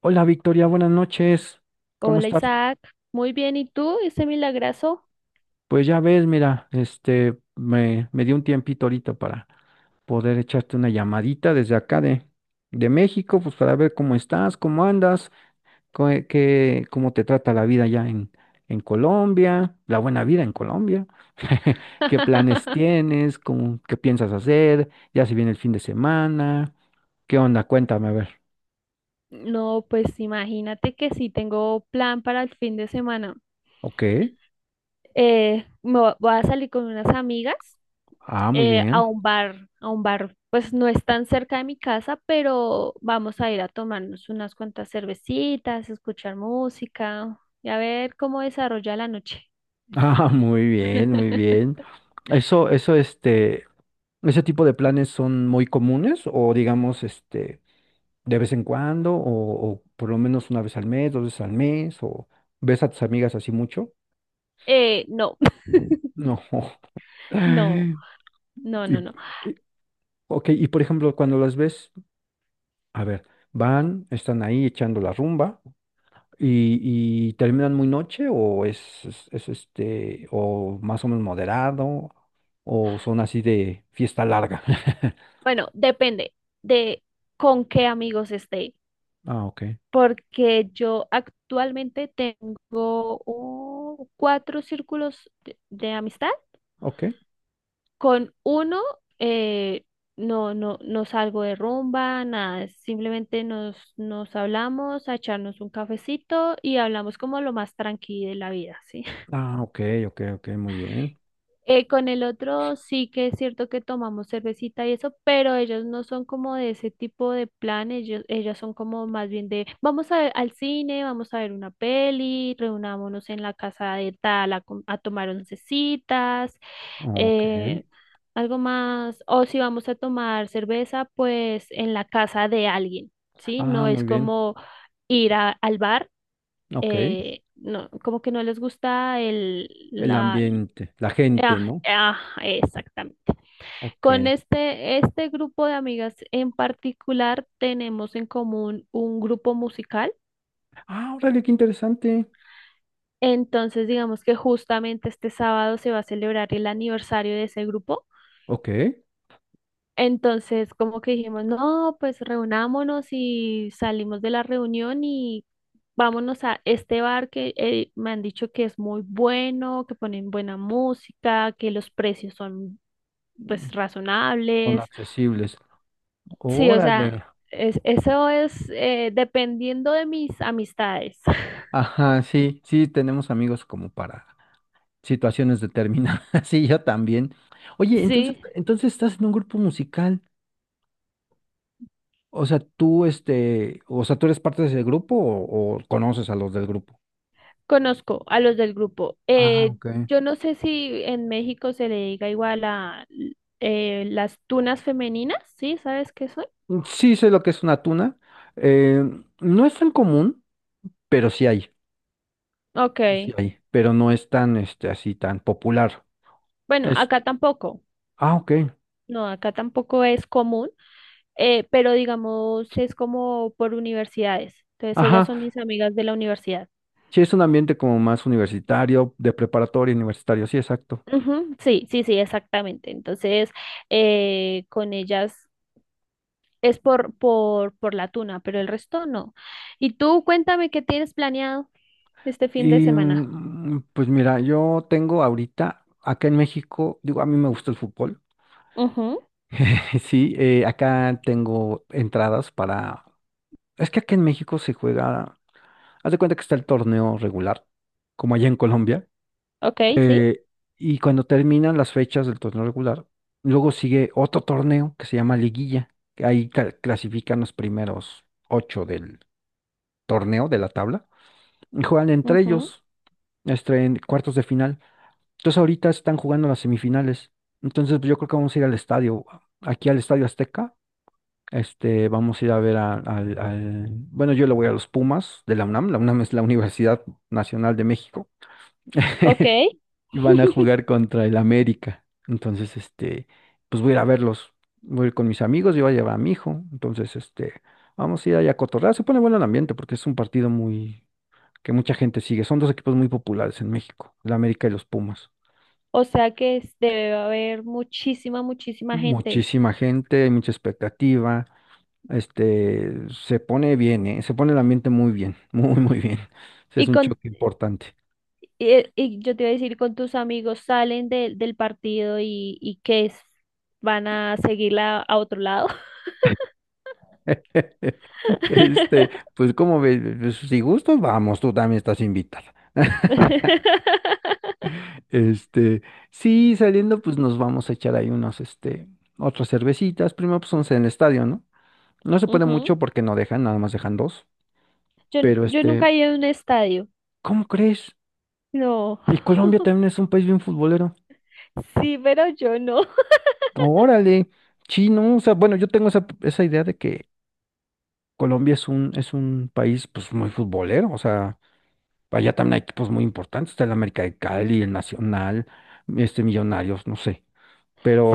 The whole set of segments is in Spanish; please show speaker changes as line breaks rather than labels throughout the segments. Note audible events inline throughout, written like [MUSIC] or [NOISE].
Hola Victoria, buenas noches. ¿Cómo
Hola
estás?
Isaac, muy bien, ¿y tú, ese milagrazo?
Pues ya ves, mira, me dio un tiempito ahorita para poder echarte una llamadita desde acá de México, pues para ver cómo estás, cómo andas, qué, cómo te trata la vida allá en Colombia, la buena vida en Colombia, [LAUGHS] qué planes
[LAUGHS]
tienes, cómo, qué piensas hacer, ya se viene el fin de semana, qué onda, cuéntame a ver.
No, pues imagínate que sí tengo plan para el fin de semana.
Ok,
Voy a salir con unas amigas
ah, muy
a
bien.
un bar, pues no es tan cerca de mi casa, pero vamos a ir a tomarnos unas cuantas cervecitas, escuchar música y a ver cómo desarrolla la noche.
Ah, muy bien, muy
[LAUGHS]
bien. Eso, ese tipo de planes son muy comunes o digamos, de vez en cuando o por lo menos una vez al mes, dos veces al mes o ves a tus amigas así mucho.
No, [LAUGHS]
No. [LAUGHS]
no, no,
Y,
no,
y-
no.
ok, y por ejemplo, cuando las ves, a ver, van, están ahí echando la rumba. Y terminan muy noche o es, o más o menos moderado, o son así de fiesta larga? [LAUGHS]
Bueno, depende de con qué amigos esté,
Ah, ok,
porque yo actualmente tengo cuatro círculos de amistad.
ok.
Con uno eh, no, no, no salgo de rumba, nada, simplemente nos hablamos a echarnos un cafecito y hablamos como lo más tranquilo de la vida, ¿sí?
Ah, ok, ok, ok, muy bien.
Con el otro sí que es cierto que tomamos cervecita y eso, pero ellos no son como de ese tipo de plan, ellos, ellas son como más bien de vamos a ver al cine, vamos a ver una peli, reunámonos en la casa de tal a, a tomar oncecitas,
Ok.
eh, algo más, o si vamos a tomar cerveza, pues en la casa de alguien, ¿sí?
Ah,
No es
muy bien.
como ir al bar.
Ok.
Eh, no, como que no les gusta el...
El ambiente, la gente,
Ah,
¿no?
ah, exactamente.
Ok.
Con este grupo de amigas en particular tenemos en común un grupo musical.
Ah, órale, qué interesante.
Entonces, digamos que justamente este sábado se va a celebrar el aniversario de ese grupo.
Ok.
Entonces, como que dijimos, no, pues reunámonos y salimos de la reunión y vámonos a este bar que me han dicho que es muy bueno, que ponen buena música, que los precios son pues
Son
razonables.
accesibles.
Sí, o sea,
Órale.
es, eso es dependiendo de mis amistades. [LAUGHS]
Ajá, sí, sí, tenemos amigos como para situaciones determinadas. [LAUGHS] Sí, yo también. Oye, entonces,
Sí,
entonces estás en un grupo musical. O sea, tú, o sea, tú eres parte de ese grupo o conoces a los del grupo.
conozco a los del grupo.
Ah, ok.
Yo no sé si en México se le diga igual a las tunas femeninas, ¿sí? ¿Sabes qué son?
Mm, sí sé lo que es una tuna. eh, no es tan común, pero sí hay.
Ok.
Sí, sí hay. Pero no es tan, así tan popular.
Bueno,
Es,
acá tampoco.
ah, ok.
No, acá tampoco es común, pero digamos es como por universidades. Entonces ellas
Ajá.
son mis amigas de la universidad.
Sí, es un ambiente como más universitario, de preparatoria universitario. Sí, exacto.
Ujú, sí, sí, sí, exactamente. Entonces, con ellas es por la tuna, pero el resto no. Y tú cuéntame qué tienes planeado este fin de semana.
Pues mira, yo tengo ahorita, acá en México, digo, a mí me gusta el fútbol.
Ujú,
[LAUGHS] Sí, acá tengo entradas para... Es que acá en México se juega, haz de cuenta que está el torneo regular, como allá en Colombia.
ok, sí.
eh, y cuando terminan las fechas del torneo regular, luego sigue otro torneo que se llama Liguilla, que ahí clasifican los primeros ocho del torneo, de la tabla, y juegan entre
Ujú,
ellos, en cuartos de final. Entonces ahorita están jugando las semifinales. Entonces pues, yo creo que vamos a ir al estadio, aquí al Estadio Azteca. Vamos a ir a ver bueno, yo le voy a los Pumas de la UNAM. La UNAM es la Universidad Nacional de México.
ok.
[LAUGHS] Y van a
[LAUGHS]
jugar contra el América. Entonces, pues voy a ir a verlos. Voy a ir con mis amigos, yo voy a llevar a mi hijo. Entonces, vamos a ir allá a cotorrear. Se pone bueno el ambiente porque es un partido muy, que mucha gente sigue. Son dos equipos muy populares en México, el América y los Pumas.
O sea que debe haber muchísima, muchísima gente.
Muchísima gente, hay mucha expectativa. Se pone bien, ¿eh? Se pone el ambiente muy bien, [LAUGHS] muy, muy bien. Ese es
Y
un
con
choque importante.
y yo te iba a decir, con tus amigos salen del partido y qué es, van a seguirla a otro lado.
[LAUGHS]
[LAUGHS]
Pues como ves, pues, si gustos vamos, tú también estás invitada. [LAUGHS] Este, sí, saliendo, pues nos vamos a echar ahí unos, otras cervecitas. Primero, pues once en el estadio, ¿no? No se puede
Ujú.
mucho porque no dejan, nada más dejan dos. Pero
Yo nunca he ido a un estadio.
¿cómo crees?
No.
Y Colombia
[LAUGHS]
también es un país bien futbolero.
Sí, pero yo no. [LAUGHS]
Órale, sí, no, o sea, bueno, yo tengo esa, esa idea de que Colombia es un país pues muy futbolero, o sea, allá también hay equipos muy importantes, está el América de Cali, el Nacional, Millonarios, no sé,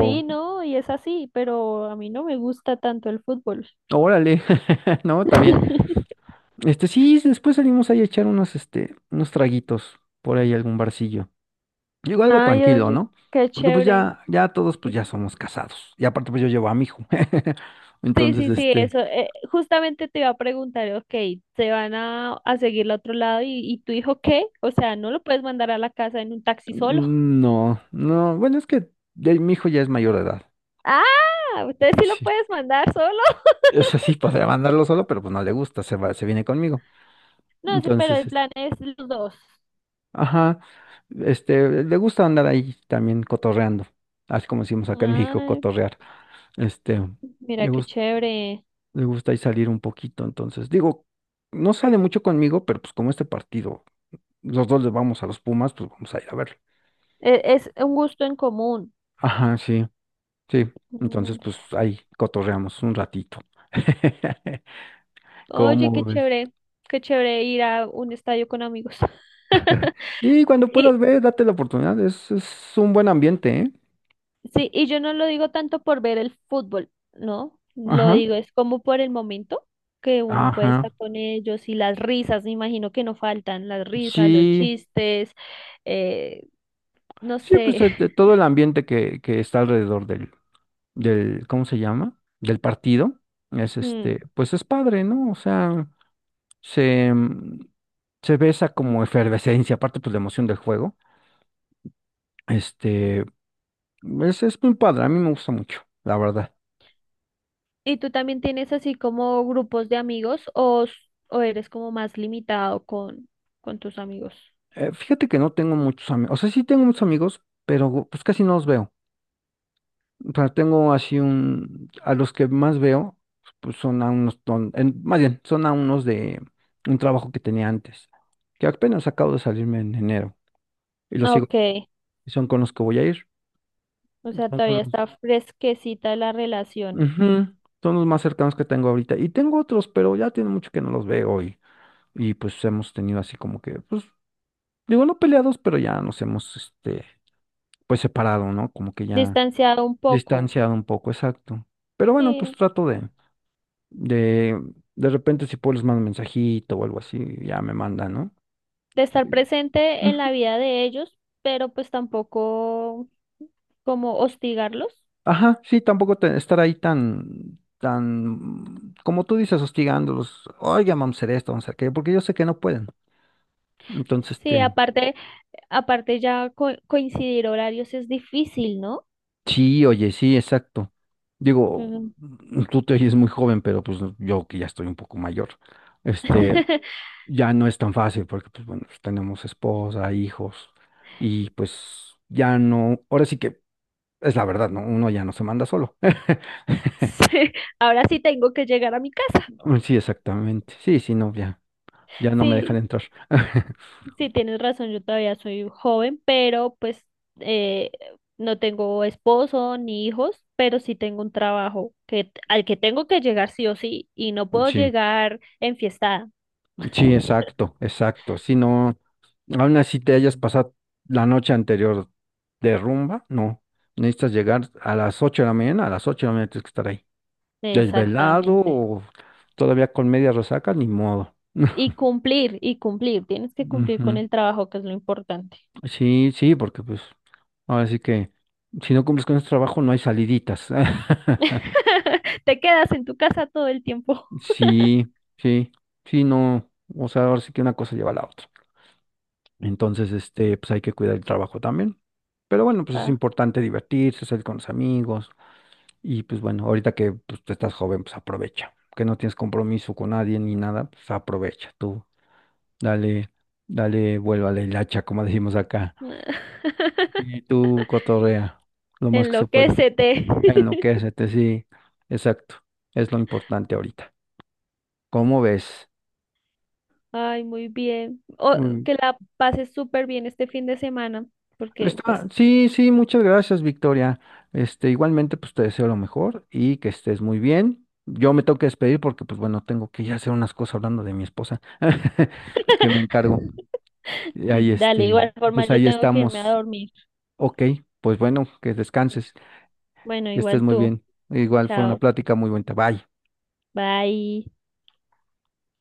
Sí, no, y es así, pero a mí no me gusta tanto el fútbol.
órale, [LAUGHS] no, está bien.
[LAUGHS]
Sí, después salimos ahí a echar unos, unos traguitos por ahí, algún barcillo. Digo, algo
Ay,
tranquilo,
oye,
¿no?
qué
Porque pues
chévere.
ya, ya todos pues ya somos casados. Y aparte pues yo llevo a mi hijo. [LAUGHS]
Sí,
Entonces,
sí, sí,
este,
eso. Justamente te iba a preguntar, ok, ¿se van a seguir al otro lado? Y tu hijo qué? O sea, ¿no lo puedes mandar a la casa en un taxi solo? [LAUGHS]
Mm, no, no, bueno, es que mi hijo ya es mayor de edad.
Ah, usted sí lo
Sí.
puedes mandar solo.
O sea, sí podría
[LAUGHS]
mandarlo solo, pero pues no le gusta, se va, se viene conmigo.
No sé, pero
Entonces,
el plan es los dos.
ajá, le gusta andar ahí también cotorreando, así como decimos acá en México,
Ay,
cotorrear. Este,
mira
le
qué
gusta,
chévere.
le gusta ahí salir un poquito, entonces, digo, no sale mucho conmigo, pero pues como este partido, los dos le vamos a los Pumas, pues vamos a ir a verlo.
Es un gusto en común.
Ajá, sí, sí. Entonces,
Mm.
pues ahí cotorreamos un ratito. [LAUGHS]
Oye,
¿Cómo ves?
qué chévere ir a un estadio con amigos. [LAUGHS]
Sí, cuando puedas
Y
ver, date la oportunidad. Es un buen ambiente, ¿eh?
sí, y yo no lo digo tanto por ver el fútbol, ¿no? Lo
Ajá.
digo, es como por el momento que uno puede
Ajá.
estar con ellos y las risas, me imagino que no faltan, las risas, los
Sí,
chistes, eh, no
sí,
sé.
pues de
[LAUGHS]
todo el ambiente que está alrededor del, ¿cómo se llama? Del partido. Es
Mm.
pues es padre, ¿no? O sea, se, mm, se ve esa como efervescencia, aparte pues la emoción del juego. Este, es muy padre, a mí me gusta mucho, la verdad.
¿Y tú también tienes así como grupos de amigos o, o eres como más limitado con tus amigos?
Fíjate que no tengo muchos amigos, o sea, sí tengo muchos amigos, pero pues casi no los veo. O sea, tengo así un, a los que más veo, pues son a unos, más bien, son a unos de un trabajo que tenía antes, que apenas acabo de salirme en enero, y los sigo,
Ok,
y son con los que voy a ir,
o sea,
son con
todavía
los,
está fresquecita la relación.
ujú, son los más cercanos que tengo ahorita, y tengo otros, pero ya tiene mucho que no los veo, y pues hemos tenido así como que, pues, digo, no peleados, pero ya nos hemos, pues separado, ¿no? Como que ya
Distanciado un poco,
distanciado un poco, exacto. Pero bueno, pues
sí,
trato de. De repente si puedo les mando un mensajito o algo así, ya me mandan, ¿no?
de estar presente en la
Ujú.
vida de ellos, pero pues tampoco como hostigarlos.
Ajá, sí, tampoco estar ahí tan, como tú dices, hostigándolos, oiga, vamos a hacer esto, vamos a hacer aquello, porque yo sé que no pueden. Entonces,
Sí, aparte, aparte ya coincidir horarios es difícil, ¿no?
sí, oye, sí, exacto. Digo,
Ujú.
tú te oyes muy joven, pero pues yo que ya estoy un poco mayor, este,
[LAUGHS]
ya no es tan fácil, porque pues bueno, pues, tenemos esposa, hijos, y pues ya no, ahora sí que es la verdad, ¿no? Uno ya no se manda solo. [LAUGHS]
Sí, ahora sí tengo que llegar a mi casa.
Sí, exactamente. Sí, sí, no, ya, ya no me dejan
Sí,
entrar. [LAUGHS]
sí, tienes razón, yo todavía soy joven, pero pues eh, no tengo esposo ni hijos, pero sí tengo un trabajo que, al que tengo que llegar sí o sí, y no puedo
Sí,
llegar enfiestada.
sí,
[LAUGHS]
exacto, exacto. Si no, aún así te hayas pasado la noche anterior de rumba, no. Necesitas llegar a las 8 de la mañana, a las 8 de la mañana tienes que estar ahí. Desvelado
Exactamente.
o todavía con media resaca, ni modo. [LAUGHS]
Y cumplir, tienes que cumplir con
Ujú.
el trabajo, que es lo importante.
Sí, sí, porque pues ahora sí que si no cumples con ese trabajo no hay saliditas. [LAUGHS]
[LAUGHS] Te quedas en tu casa todo el tiempo.
Sí, sí, sí, no, o sea, ahora sí que una cosa lleva a la otra. Entonces, pues hay que cuidar el trabajo también. Pero bueno, pues es
Ah.
importante divertirse, salir con los amigos. Y pues bueno, ahorita que pues, tú estás joven, pues aprovecha. Que no tienes compromiso con nadie ni nada, pues aprovecha. Tú dale, dale, vuelva a la hilacha, como [LAUGHS] decimos acá. Y
[LAUGHS]
tú cotorrea lo más que se pueda.
Enloquécete. [LAUGHS]
Enloquécete, sí, exacto. Es lo importante ahorita. ¿Cómo ves?
Ay, muy bien. O, que la pases súper bien este fin de semana, porque pues,
Sí, sí, muchas gracias, Victoria. Igualmente, pues te deseo lo mejor y que estés muy bien. Yo me tengo que despedir porque, pues bueno, tengo que ir a hacer unas cosas hablando de mi esposa, [LAUGHS] que me encargo.
[LAUGHS]
Y ahí,
dale, igual forma
pues
yo
ahí
tengo que irme a
estamos.
dormir.
Ok, pues bueno, que descanses,
Bueno,
que estés
igual
muy
tú.
bien. Igual fue una
Chao.
plática muy buena. Bye.
Bye.